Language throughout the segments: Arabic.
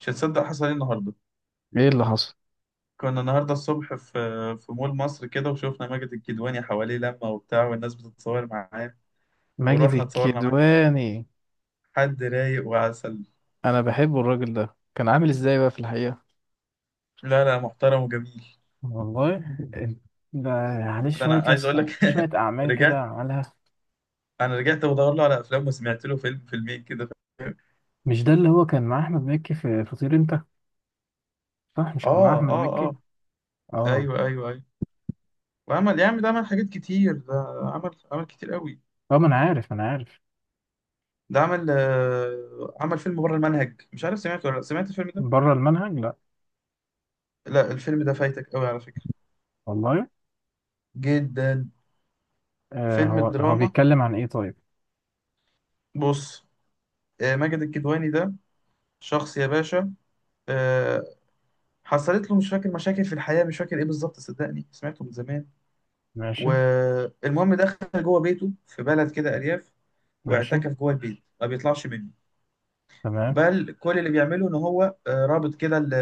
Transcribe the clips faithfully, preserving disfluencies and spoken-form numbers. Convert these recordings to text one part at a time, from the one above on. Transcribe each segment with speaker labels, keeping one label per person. Speaker 1: مش هتصدق حصل ايه النهارده.
Speaker 2: ايه اللي حصل؟
Speaker 1: كنا النهارده الصبح في في مول مصر كده، وشفنا ماجد الكدواني حواليه لمة وبتاع، والناس بتتصور معاه.
Speaker 2: ماجد
Speaker 1: ورحنا اتصورنا معاه.
Speaker 2: الكدواني.
Speaker 1: حد رايق وعسل.
Speaker 2: انا بحبه، الراجل ده كان عامل ازاي بقى في الحقيقة؟
Speaker 1: لا، لا، محترم وجميل.
Speaker 2: والله، ده عليه
Speaker 1: لا ده انا
Speaker 2: شوية يا
Speaker 1: عايز اقول
Speaker 2: اسطى،
Speaker 1: لك.
Speaker 2: في شوية أعمال كده
Speaker 1: رجعت
Speaker 2: عملها.
Speaker 1: انا رجعت بدور له على افلام، وسمعت له فيلم فيلمين كده.
Speaker 2: مش ده اللي هو كان مع أحمد مكي في فطير أنت؟ صح؟ مش كان مع
Speaker 1: اه،
Speaker 2: أحمد
Speaker 1: اه،
Speaker 2: مكي؟
Speaker 1: اه.
Speaker 2: اه.
Speaker 1: ايوه، ايوه، ايوه. وعمل يا عم، ده عمل حاجات كتير. ده عمل عمل كتير قوي.
Speaker 2: طب ما أنا عارف، أنا عارف.
Speaker 1: ده عمل آه، عمل فيلم بره المنهج، مش عارف سمعته ولا لا، سمعت الفيلم ده؟
Speaker 2: بره المنهج، لأ.
Speaker 1: لا، الفيلم ده فايتك قوي على فكرة،
Speaker 2: والله.
Speaker 1: جدا.
Speaker 2: آه
Speaker 1: فيلم
Speaker 2: هو هو
Speaker 1: دراما.
Speaker 2: بيتكلم عن إيه طيب؟
Speaker 1: بص، آه، ماجد الكدواني ده شخص يا باشا. آه، حصلت له مش فاكر مشاكل في الحياة، مش فاكر ايه بالظبط، صدقني سمعته من زمان.
Speaker 2: ماشي،
Speaker 1: والمهم دخل جوه بيته في بلد كده، أرياف،
Speaker 2: ماشي.
Speaker 1: واعتكف جوه البيت ما بيطلعش منه.
Speaker 2: تمام،
Speaker 1: بل كل اللي بيعمله ان هو آه، رابط كده ال-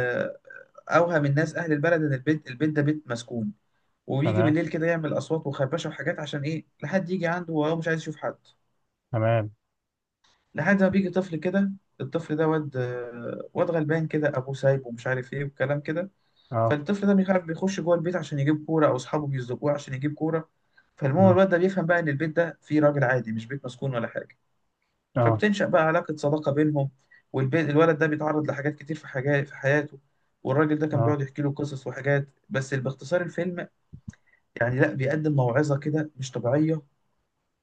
Speaker 1: اوهم الناس اهل البلد ان البيت البيت ده بيت مسكون. وبيجي
Speaker 2: تمام،
Speaker 1: بالليل كده يعمل اصوات وخربشه وحاجات، عشان ايه؟ لحد يجي عنده، وهو مش عايز يشوف حد.
Speaker 2: تمام.
Speaker 1: لحد ما بيجي طفل كده، الطفل ده واد واد غلبان كده، ابوه سايبه ومش عارف ايه والكلام كده.
Speaker 2: اه.
Speaker 1: فالطفل ده بيخاف بيخش جوه البيت عشان يجيب كوره، او اصحابه بيزقوه عشان يجيب كوره. فالمهم
Speaker 2: مم.
Speaker 1: الواد ده بيفهم بقى ان البيت ده فيه راجل عادي، مش بيت مسكون ولا حاجه.
Speaker 2: اه.
Speaker 1: فبتنشأ بقى علاقه صداقه بينهم. والبيت الولد ده بيتعرض لحاجات كتير، في حاجات في حياته. والراجل ده كان بيقعد
Speaker 2: اه.
Speaker 1: يحكي له قصص وحاجات. بس باختصار الفيلم يعني لا، بيقدم موعظه كده مش طبيعيه.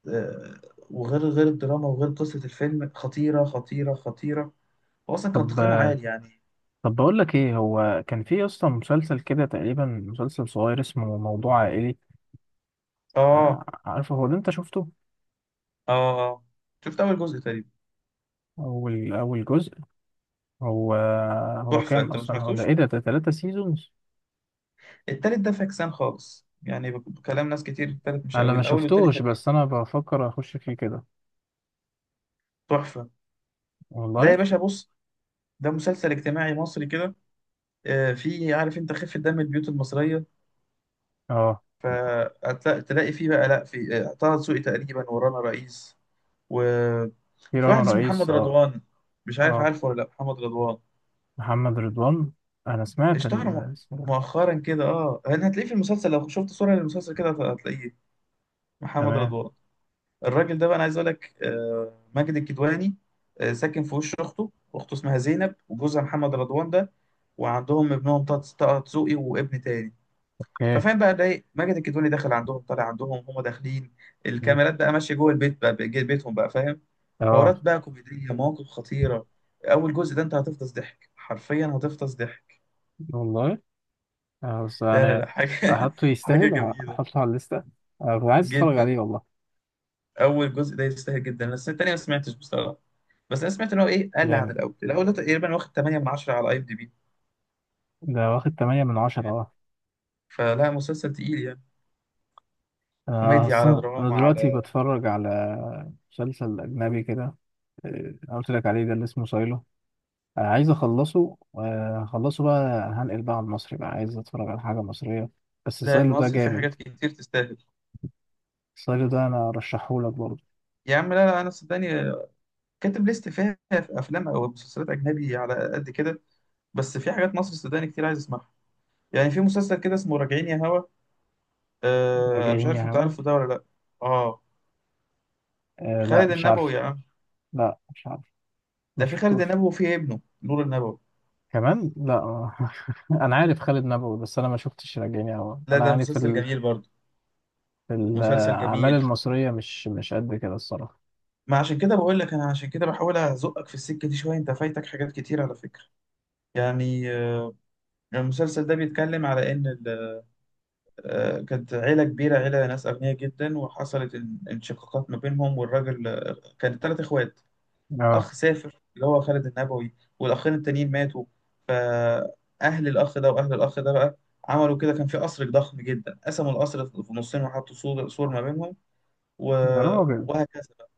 Speaker 1: آه، وغير غير الدراما، وغير قصه الفيلم، خطيره خطيره خطيره. هو اصلا كان تقييمه
Speaker 2: طب
Speaker 1: عالي يعني.
Speaker 2: طب بقول لك ايه، هو كان في اصلا مسلسل كده تقريبا، مسلسل صغير اسمه موضوع عائلي. آه،
Speaker 1: اه،
Speaker 2: عارفه، هو ده انت شفته؟
Speaker 1: اه، اه. شفت اول جزء تقريبا.
Speaker 2: اول اول جزء. هو هو
Speaker 1: تحفه،
Speaker 2: كام
Speaker 1: انت ما
Speaker 2: اصلا؟ هو ده
Speaker 1: سمعتوش.
Speaker 2: ايه؟ ده ده تلاتة سيزونز؟
Speaker 1: التالت ده فاكسان خالص، يعني بك- بكلام ناس كتير التالت مش
Speaker 2: انا
Speaker 1: قوي،
Speaker 2: ما
Speaker 1: الاول والتاني
Speaker 2: شفتوش
Speaker 1: حلوين.
Speaker 2: بس انا بفكر اخش فيه كده.
Speaker 1: تحفه. ده يا
Speaker 2: والله.
Speaker 1: باشا، بص، ده مسلسل اجتماعي مصري كده. آه فيه، عارف انت خفه دم البيوت المصريه.
Speaker 2: اه.
Speaker 1: فتلاقي فيه بقى، لا، في آه، طه دسوقي تقريبا، ورانا رئيس،
Speaker 2: في
Speaker 1: وفي
Speaker 2: رنا
Speaker 1: واحد اسمه
Speaker 2: رئيس،
Speaker 1: محمد
Speaker 2: اه.
Speaker 1: رضوان. مش عارف
Speaker 2: اه.
Speaker 1: عارفه ولا لا محمد رضوان.
Speaker 2: محمد رضوان. انا سمعت
Speaker 1: اشتهر
Speaker 2: ال-
Speaker 1: مؤ-
Speaker 2: اسمه ده.
Speaker 1: مؤخرا كده، اه يعني، هتلاقيه في المسلسل. لو شفت صورة للمسلسل كده هت- هتلاقيه، محمد
Speaker 2: تمام.
Speaker 1: رضوان. الراجل ده بقى، انا عايز اقول لك، آه، ماجد الكدواني آه، ساكن في وش اخته اخته اسمها زينب، وجوزها محمد رضوان ده، وعندهم ابنهم طه طه دسوقي وابن تاني.
Speaker 2: اوكي.
Speaker 1: ففاهم بقى ده إيه؟ ماجد الكدواني داخل عندهم طالع عندهم، هم داخلين،
Speaker 2: مم.
Speaker 1: الكاميرات بقى ماشيه جوه البيت بقى، جوه بيتهم بقى، فاهم.
Speaker 2: اه.
Speaker 1: حوارات بقى كوميديه، مواقف خطيره. اول جزء ده انت هتفطس ضحك، حرفيا هتفطس ضحك.
Speaker 2: والله. آه، بس
Speaker 1: لا، لا،
Speaker 2: انا
Speaker 1: لا، حاجة
Speaker 2: احطه
Speaker 1: حاجة
Speaker 2: يستاهل،
Speaker 1: جميلة،
Speaker 2: احطه على الليسته. آه، عايز اتفرج
Speaker 1: جدا.
Speaker 2: عليه والله.
Speaker 1: أول جزء ده يستاهل جدا، بس التاني ما سمعتش بصراحة. بس أنا سمعت إن هو إيه، قل عن
Speaker 2: جامد.
Speaker 1: الأول الأول ده تقريبا واخد ثمانية من عشرة على أي إم دي بي
Speaker 2: ده واخد تمانية من عشرة،
Speaker 1: يعني.
Speaker 2: اه.
Speaker 1: فلا، مسلسل تقيل يعني،
Speaker 2: انا
Speaker 1: كوميديا على
Speaker 2: اصلا، انا
Speaker 1: دراما
Speaker 2: دلوقتي
Speaker 1: على.
Speaker 2: بتفرج على مسلسل اجنبي كده. آه، انا قلت لك عليه، ده اللي اسمه سايلو. آه، عايز اخلصه آه، اخلصه بقى. هنقل بقى على المصري بقى، عايز اتفرج على حاجة مصرية. بس
Speaker 1: لا،
Speaker 2: سايلو ده
Speaker 1: المصري فيه
Speaker 2: جامد.
Speaker 1: حاجات كتير تستاهل،
Speaker 2: سايلو ده انا رشحهولك برضه.
Speaker 1: يا عم. لا، لا، أنا صدقني كاتب ليست فيها في أفلام أو مسلسلات أجنبي على قد كده، بس في حاجات مصري صدقني كتير عايز أسمعها. يعني في مسلسل كده اسمه راجعين يا هوا. آه، أنا مش
Speaker 2: راجعين يا
Speaker 1: عارف أنت
Speaker 2: هوا.
Speaker 1: عارفه ده ولا لأ. آه.
Speaker 2: آه، لا
Speaker 1: خالد
Speaker 2: مش
Speaker 1: النبوي
Speaker 2: عارف.
Speaker 1: يا عم.
Speaker 2: لا مش عارف.
Speaker 1: ده
Speaker 2: ما
Speaker 1: في خالد
Speaker 2: شفتوش.
Speaker 1: النبوي وفي ابنه نور النبوي.
Speaker 2: كمان لا. انا عارف خالد نبوي بس انا ما شفتش راجعين يا هوا.
Speaker 1: لا،
Speaker 2: انا
Speaker 1: ده
Speaker 2: يعني في
Speaker 1: مسلسل
Speaker 2: ال-
Speaker 1: جميل برضه،
Speaker 2: في
Speaker 1: مسلسل
Speaker 2: الاعمال
Speaker 1: جميل.
Speaker 2: المصرية مش مش قد كده الصراحة.
Speaker 1: ما عشان كده بقول لك، انا عشان كده بحاول ازقك في السكه دي شويه، انت فايتك حاجات كتير على فكره. يعني آه، المسلسل ده بيتكلم على ان ال- آه، كانت عيله كبيره، عيله ناس اغنياء جدا. وحصلت ان- انشقاقات ما بينهم، والراجل آه، كان ثلاث اخوات.
Speaker 2: اه.
Speaker 1: اخ سافر اللي هو خالد النبوي، والاخين التانيين ماتوا. فاهل الاخ ده واهل الاخ ده بقى عملوا كده، كان في قصر ضخم جدا، قسموا القصر في نصين وحطوا سور سور ما بينهم. و...
Speaker 2: يا راجل.
Speaker 1: وهكذا بقى.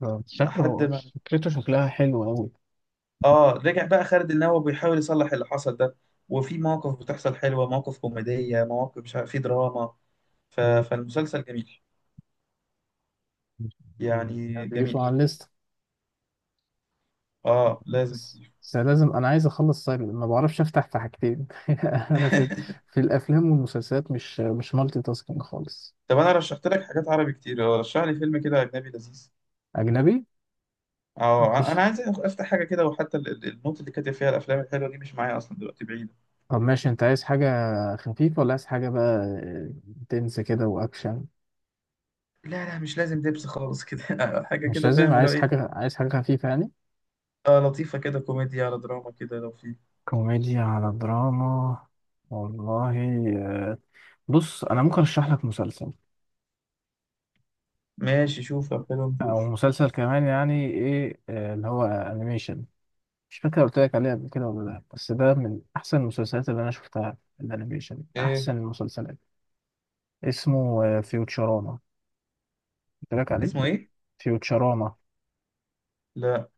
Speaker 2: ده
Speaker 1: لحد
Speaker 2: شكله
Speaker 1: ما،
Speaker 2: فكرته شكلها حلو أوي.
Speaker 1: اه، رجع بقى خالد النبوي بيحاول يصلح اللي حصل ده. وفي مواقف بتحصل حلوة، مواقف كوميدية، مواقف مش عارف في دراما. ف...
Speaker 2: مم.
Speaker 1: فالمسلسل جميل
Speaker 2: مم.
Speaker 1: يعني،
Speaker 2: أضيفه
Speaker 1: جميل.
Speaker 2: على الليست.
Speaker 1: اه لازم
Speaker 2: بس
Speaker 1: تضيفه.
Speaker 2: بس لازم، أنا عايز أخلص سايلنت، ما بعرفش أفتح في حاجتين. أنا في في الأفلام والمسلسلات مش مش مالتي تاسكينج خالص.
Speaker 1: طب انا رشحت لك حاجات عربي كتير، آه، رشح لي فيلم كده اجنبي لذيذ.
Speaker 2: أجنبي.
Speaker 1: اه، انا
Speaker 2: مفيش.
Speaker 1: عايز افتح حاجه كده. وحتى ال- ال- النوت اللي كاتب فيها الافلام الحلوه دي مش معايا اصلا دلوقتي، بعيده.
Speaker 2: طب ماشي، أنت عايز حاجة خفيفة ولا عايز حاجة بقى تنس كده وأكشن؟
Speaker 1: لا، لا، مش لازم دبس خالص كده. حاجه
Speaker 2: مش
Speaker 1: كده
Speaker 2: لازم،
Speaker 1: فاهم اللي هو
Speaker 2: عايز
Speaker 1: ايه.
Speaker 2: حاجة، عايز حاجة خفيفة يعني.
Speaker 1: اه، لطيفه كده، كوميديا على دراما كده لو في.
Speaker 2: كوميديا على دراما. والله. آه، بص، أنا ممكن أرشح لك مسلسل
Speaker 1: ماشي شوف، طب حلو،
Speaker 2: او
Speaker 1: نشوف.
Speaker 2: مسلسل كمان، يعني ايه، آه، اللي هو انيميشن. مش فاكر قلت لك عليه قبل كده ولا لا، بس ده من احسن المسلسلات اللي انا شفتها، الانيميشن
Speaker 1: ايه؟
Speaker 2: احسن المسلسلات. اسمه فيوتشراما، قلت لك عليه.
Speaker 1: اسمه ايه؟
Speaker 2: فيوتشراما.
Speaker 1: لا.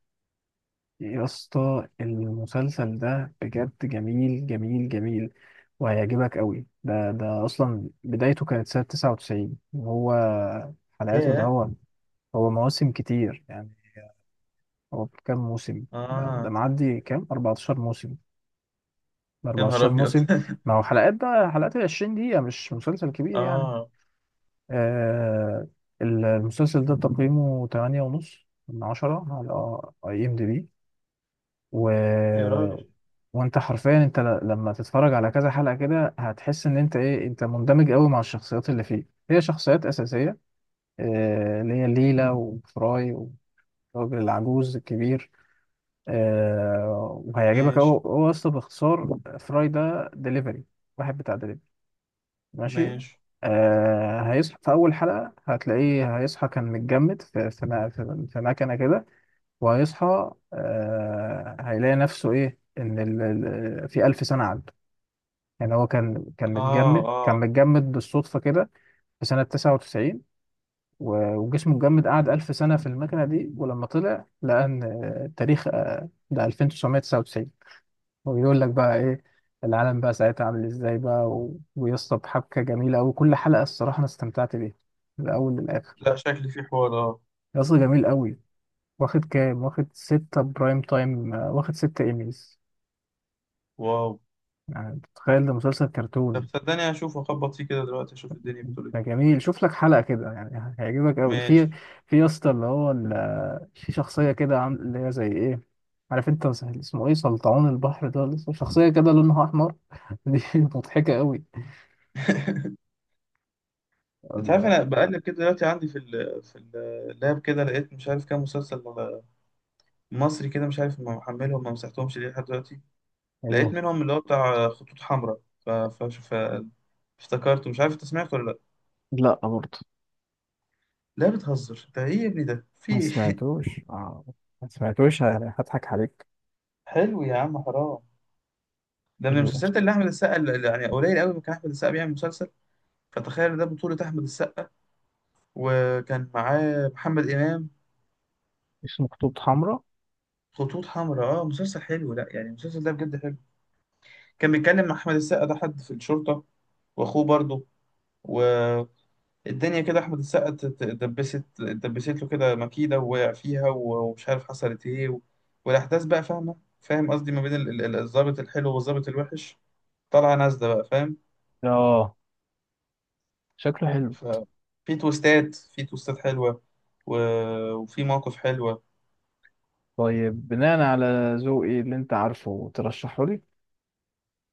Speaker 2: يا اسطى، المسلسل ده بجد جميل جميل جميل، وهيعجبك قوي. ده ده اصلا بدايته كانت سنة تسعة وتسعين، وهو حلقاته، ده
Speaker 1: ياه.
Speaker 2: هو، هو مواسم كتير يعني. هو كام موسم ده, ده
Speaker 1: اه.
Speaker 2: معدي كام؟ أربعة عشر موسم.
Speaker 1: يا نهار
Speaker 2: أربعة عشر
Speaker 1: ابيض.
Speaker 2: موسم. ما هو حلقات بقى، حلقات ال عشرين دقيقة، مش مسلسل كبير يعني.
Speaker 1: اه.
Speaker 2: آه المسلسل ده تقييمه تمنية ونص من عشرة على اي ام دي بي. و...
Speaker 1: يا راجل.
Speaker 2: وانت حرفيا، انت ل... لما تتفرج على كذا حلقة كده، هتحس ان انت ايه، انت مندمج قوي مع الشخصيات اللي فيه. هي شخصيات أساسية، آه اللي هي ليلى وفراي والراجل العجوز الكبير. آه وهيعجبك. هو
Speaker 1: ماشي،
Speaker 2: هو اصلا باختصار، فراي ده دليفري، واحد بتاع دليفري. ماشي.
Speaker 1: ماشي.
Speaker 2: آه هيصحى في أول حلقة، هتلاقيه هيصحى كان متجمد في في ما- في في مكنة كده. وهيصحى، آه هيلاقي نفسه إيه، إن ال- ال- في ألف سنة عدوا، يعني. هو كان كان
Speaker 1: اه،
Speaker 2: متجمد، كان
Speaker 1: اه.
Speaker 2: متجمد بالصدفة كده، في سنة تسعة وتسعين. و- وجسمه اتجمد، قعد ألف سنة في المكنة دي، ولما طلع لقى إن آه، التاريخ آه، ده ألفين وتسعمية وتسعة وتسعين. وبيقول لك بقى ايه العالم بقى ساعتها عامل ازاي بقى، و... ويسطا بحبكه جميله قوي، كل حلقه الصراحه انا استمتعت بيها من الاول للاخر.
Speaker 1: لا، شكلي في حوار، اه.
Speaker 2: يسطا جميل قوي. واخد كام، واخد ستة برايم تايم، آه، واخد ستة ايميز.
Speaker 1: واو.
Speaker 2: يعني تخيل، ده مسلسل
Speaker 1: طب
Speaker 2: كرتون.
Speaker 1: صدقني هشوف اخبط فيه كده دلوقتي، اشوف الدنيا بتقول ايه.
Speaker 2: ده جميل، شوف لك حلقه كده، يعني هيعجبك قوي.
Speaker 1: ماشي.
Speaker 2: في في يسطا اللي هو ال... آه، في شخصيه كده، عامل اللي هي زي ايه، عارف انت اسمه ايه، سلطعون البحر، ده لسه شخصيه كده لونها احمر. دي مضحكه قوي.
Speaker 1: انت عارف انا بقلب كده دلوقتي عندي في ال في اللاب كده، لقيت مش عارف كام مسلسل مصري كده، مش عارف ما محملهم ما مسحتهمش ليه لحد دلوقتي. لقيت
Speaker 2: ايه.
Speaker 1: منهم اللي هو بتاع خطوط حمراء. ف... ف... ف... افتكرته، مش عارف انت سمعته ولا لا؟
Speaker 2: لا برضه.
Speaker 1: لا، بتهزر، ده ايه يا ابني ده، في
Speaker 2: ما
Speaker 1: ايه؟
Speaker 2: سمعتوش، اه. ما سمعتوش، ه- هضحك عليك.
Speaker 1: حلو يا عم، حرام. ده من
Speaker 2: ال-
Speaker 1: المسلسلات اللي احمد السقا، اللي يعني قليل قوي ما كان احمد السقا بيعمل مسلسل، فتخيل ده بطولة احمد السقا وكان معاه محمد امام.
Speaker 2: اسمه خطوط حمراء.
Speaker 1: خطوط حمراء، اه مسلسل حلو، لا يعني المسلسل ده بجد حلو. كان بيتكلم مع احمد السقا ده حد في الشرطة، واخوه برضه. الدنيا كده، احمد السقا ت- ت- اتدبست اتدبست له كده مكيده ووقع فيها، و- ومش عارف حصلت ايه و... والاحداث بقى، فاهمه، فاهم قصدي، ما بين ال- ال- ال- الضابط الحلو والضابط الوحش، طالعه نازله بقى، فاهم.
Speaker 2: اه. شكله حلو.
Speaker 1: ففي تويستات، في تويستات حلوه و... وفي مواقف حلوه.
Speaker 2: طيب بناء على ذوقي اللي انت عارفه، ترشحه لي؟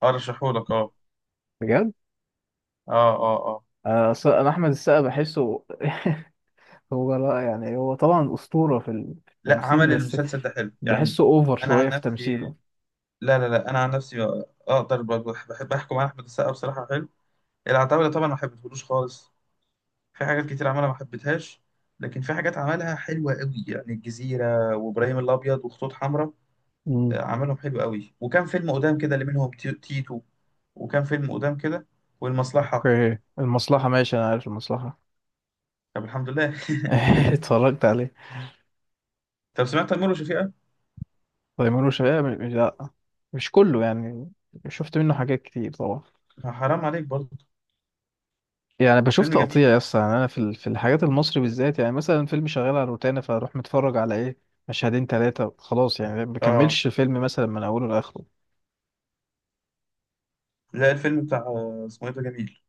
Speaker 1: ارشحه لك، اه.
Speaker 2: بجد.
Speaker 1: اه، اه، اه.
Speaker 2: آه، أصل انا احمد السقا بحسه هو لا، يعني هو طبعا اسطورة في ال- في
Speaker 1: لا،
Speaker 2: التمثيل،
Speaker 1: عمل
Speaker 2: بس
Speaker 1: المسلسل ده حلو يعني،
Speaker 2: بحسه اوفر
Speaker 1: انا
Speaker 2: شوية
Speaker 1: عن
Speaker 2: في
Speaker 1: نفسي.
Speaker 2: تمثيله.
Speaker 1: لا، لا، لا، انا عن نفسي اقدر ب- بحب احكم على احمد السقا بصراحه حلو. العتاوله طبعا ما حبيتهولوش خالص، في حاجات كتير عملها ما حبيتهاش. لكن في حاجات عملها حلوة قوي يعني الجزيرة وإبراهيم الأبيض وخطوط حمراء.
Speaker 2: امم.
Speaker 1: آه، عملهم حلو قوي. وكان فيلم قدام كده اللي منهم تي- تيتو. وكان فيلم قدام كده، والمصلحة.
Speaker 2: اوكي. المصلحة ماشي، انا عارف المصلحة.
Speaker 1: طب الحمد لله.
Speaker 2: اتفرجت عليه.
Speaker 1: طب سمعت تيمور وشفيقة؟
Speaker 2: تيمور وشفيقة، مش، لا. مش كله يعني، شفت منه حاجات كتير طبعا.
Speaker 1: آه، حرام عليك برضه.
Speaker 2: يعني بشوف
Speaker 1: فيلم جميل.
Speaker 2: تقطيع يس يعني، انا في ال- في الحاجات المصري بالذات، يعني مثلا فيلم شغال على روتانا فاروح متفرج على ايه، مشهدين ثلاثة خلاص يعني، ما
Speaker 1: اه،
Speaker 2: بكملش فيلم مثلا من اوله لاخره.
Speaker 1: لا الفيلم بتاع آه، اسمه ايه ده، جميل.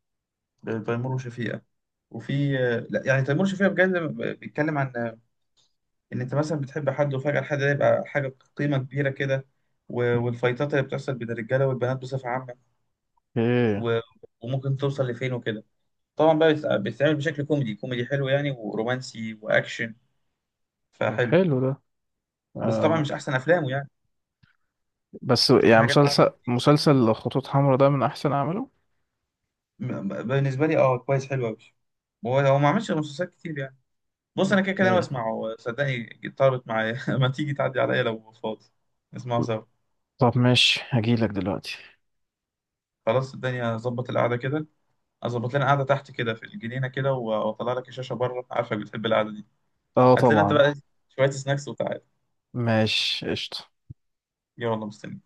Speaker 1: آه، تيمور وشفيقة. وفي آه، لا يعني تيمور وشفيقة بجد بيتكلم عن ان انت مثلا بتحب حد، وفجأة الحد ده يبقى حاجة قيمة كبيرة كده. و- والفايتات اللي بتحصل بين الرجالة والبنات بصفة عامة،
Speaker 2: ايه.
Speaker 1: و- وممكن توصل لفين وكده. طبعا بقى بتتع- بتتعمل بشكل كوميدي، كوميدي حلو يعني، ورومانسي واكشن،
Speaker 2: طب
Speaker 1: فحلو.
Speaker 2: حلو ده.
Speaker 1: بس طبعا
Speaker 2: آه
Speaker 1: مش احسن افلامه يعني،
Speaker 2: بس
Speaker 1: في
Speaker 2: يعني،
Speaker 1: حاجات اعلى.
Speaker 2: مسلسل مسلسل خطوط حمراء ده من احسن اعماله.
Speaker 1: م- ب- بالنسبة لي اه كويس، حلو قوي. هو هو ما عملش غير مسلسلات كتير يعني. بص، انا كده كده انا
Speaker 2: اوكي.
Speaker 1: بسمعه صدقني، طلبت معايا. ما تيجي تعدي عليا لو فاضي، نسمعه سوا.
Speaker 2: طب ماشي هجيلك دلوقتي.
Speaker 1: خلاص الدنيا ظبط، القعدة كده، اظبط لنا قاعده تحت كده في الجنينه كده، و- واطلع لك الشاشه بره، عارفك بتحب القعده دي.
Speaker 2: اه
Speaker 1: هات لنا انت
Speaker 2: طبعا.
Speaker 1: بقى شويه سناكس وتعالى.
Speaker 2: ماشي، قشطة.
Speaker 1: يلا مستني.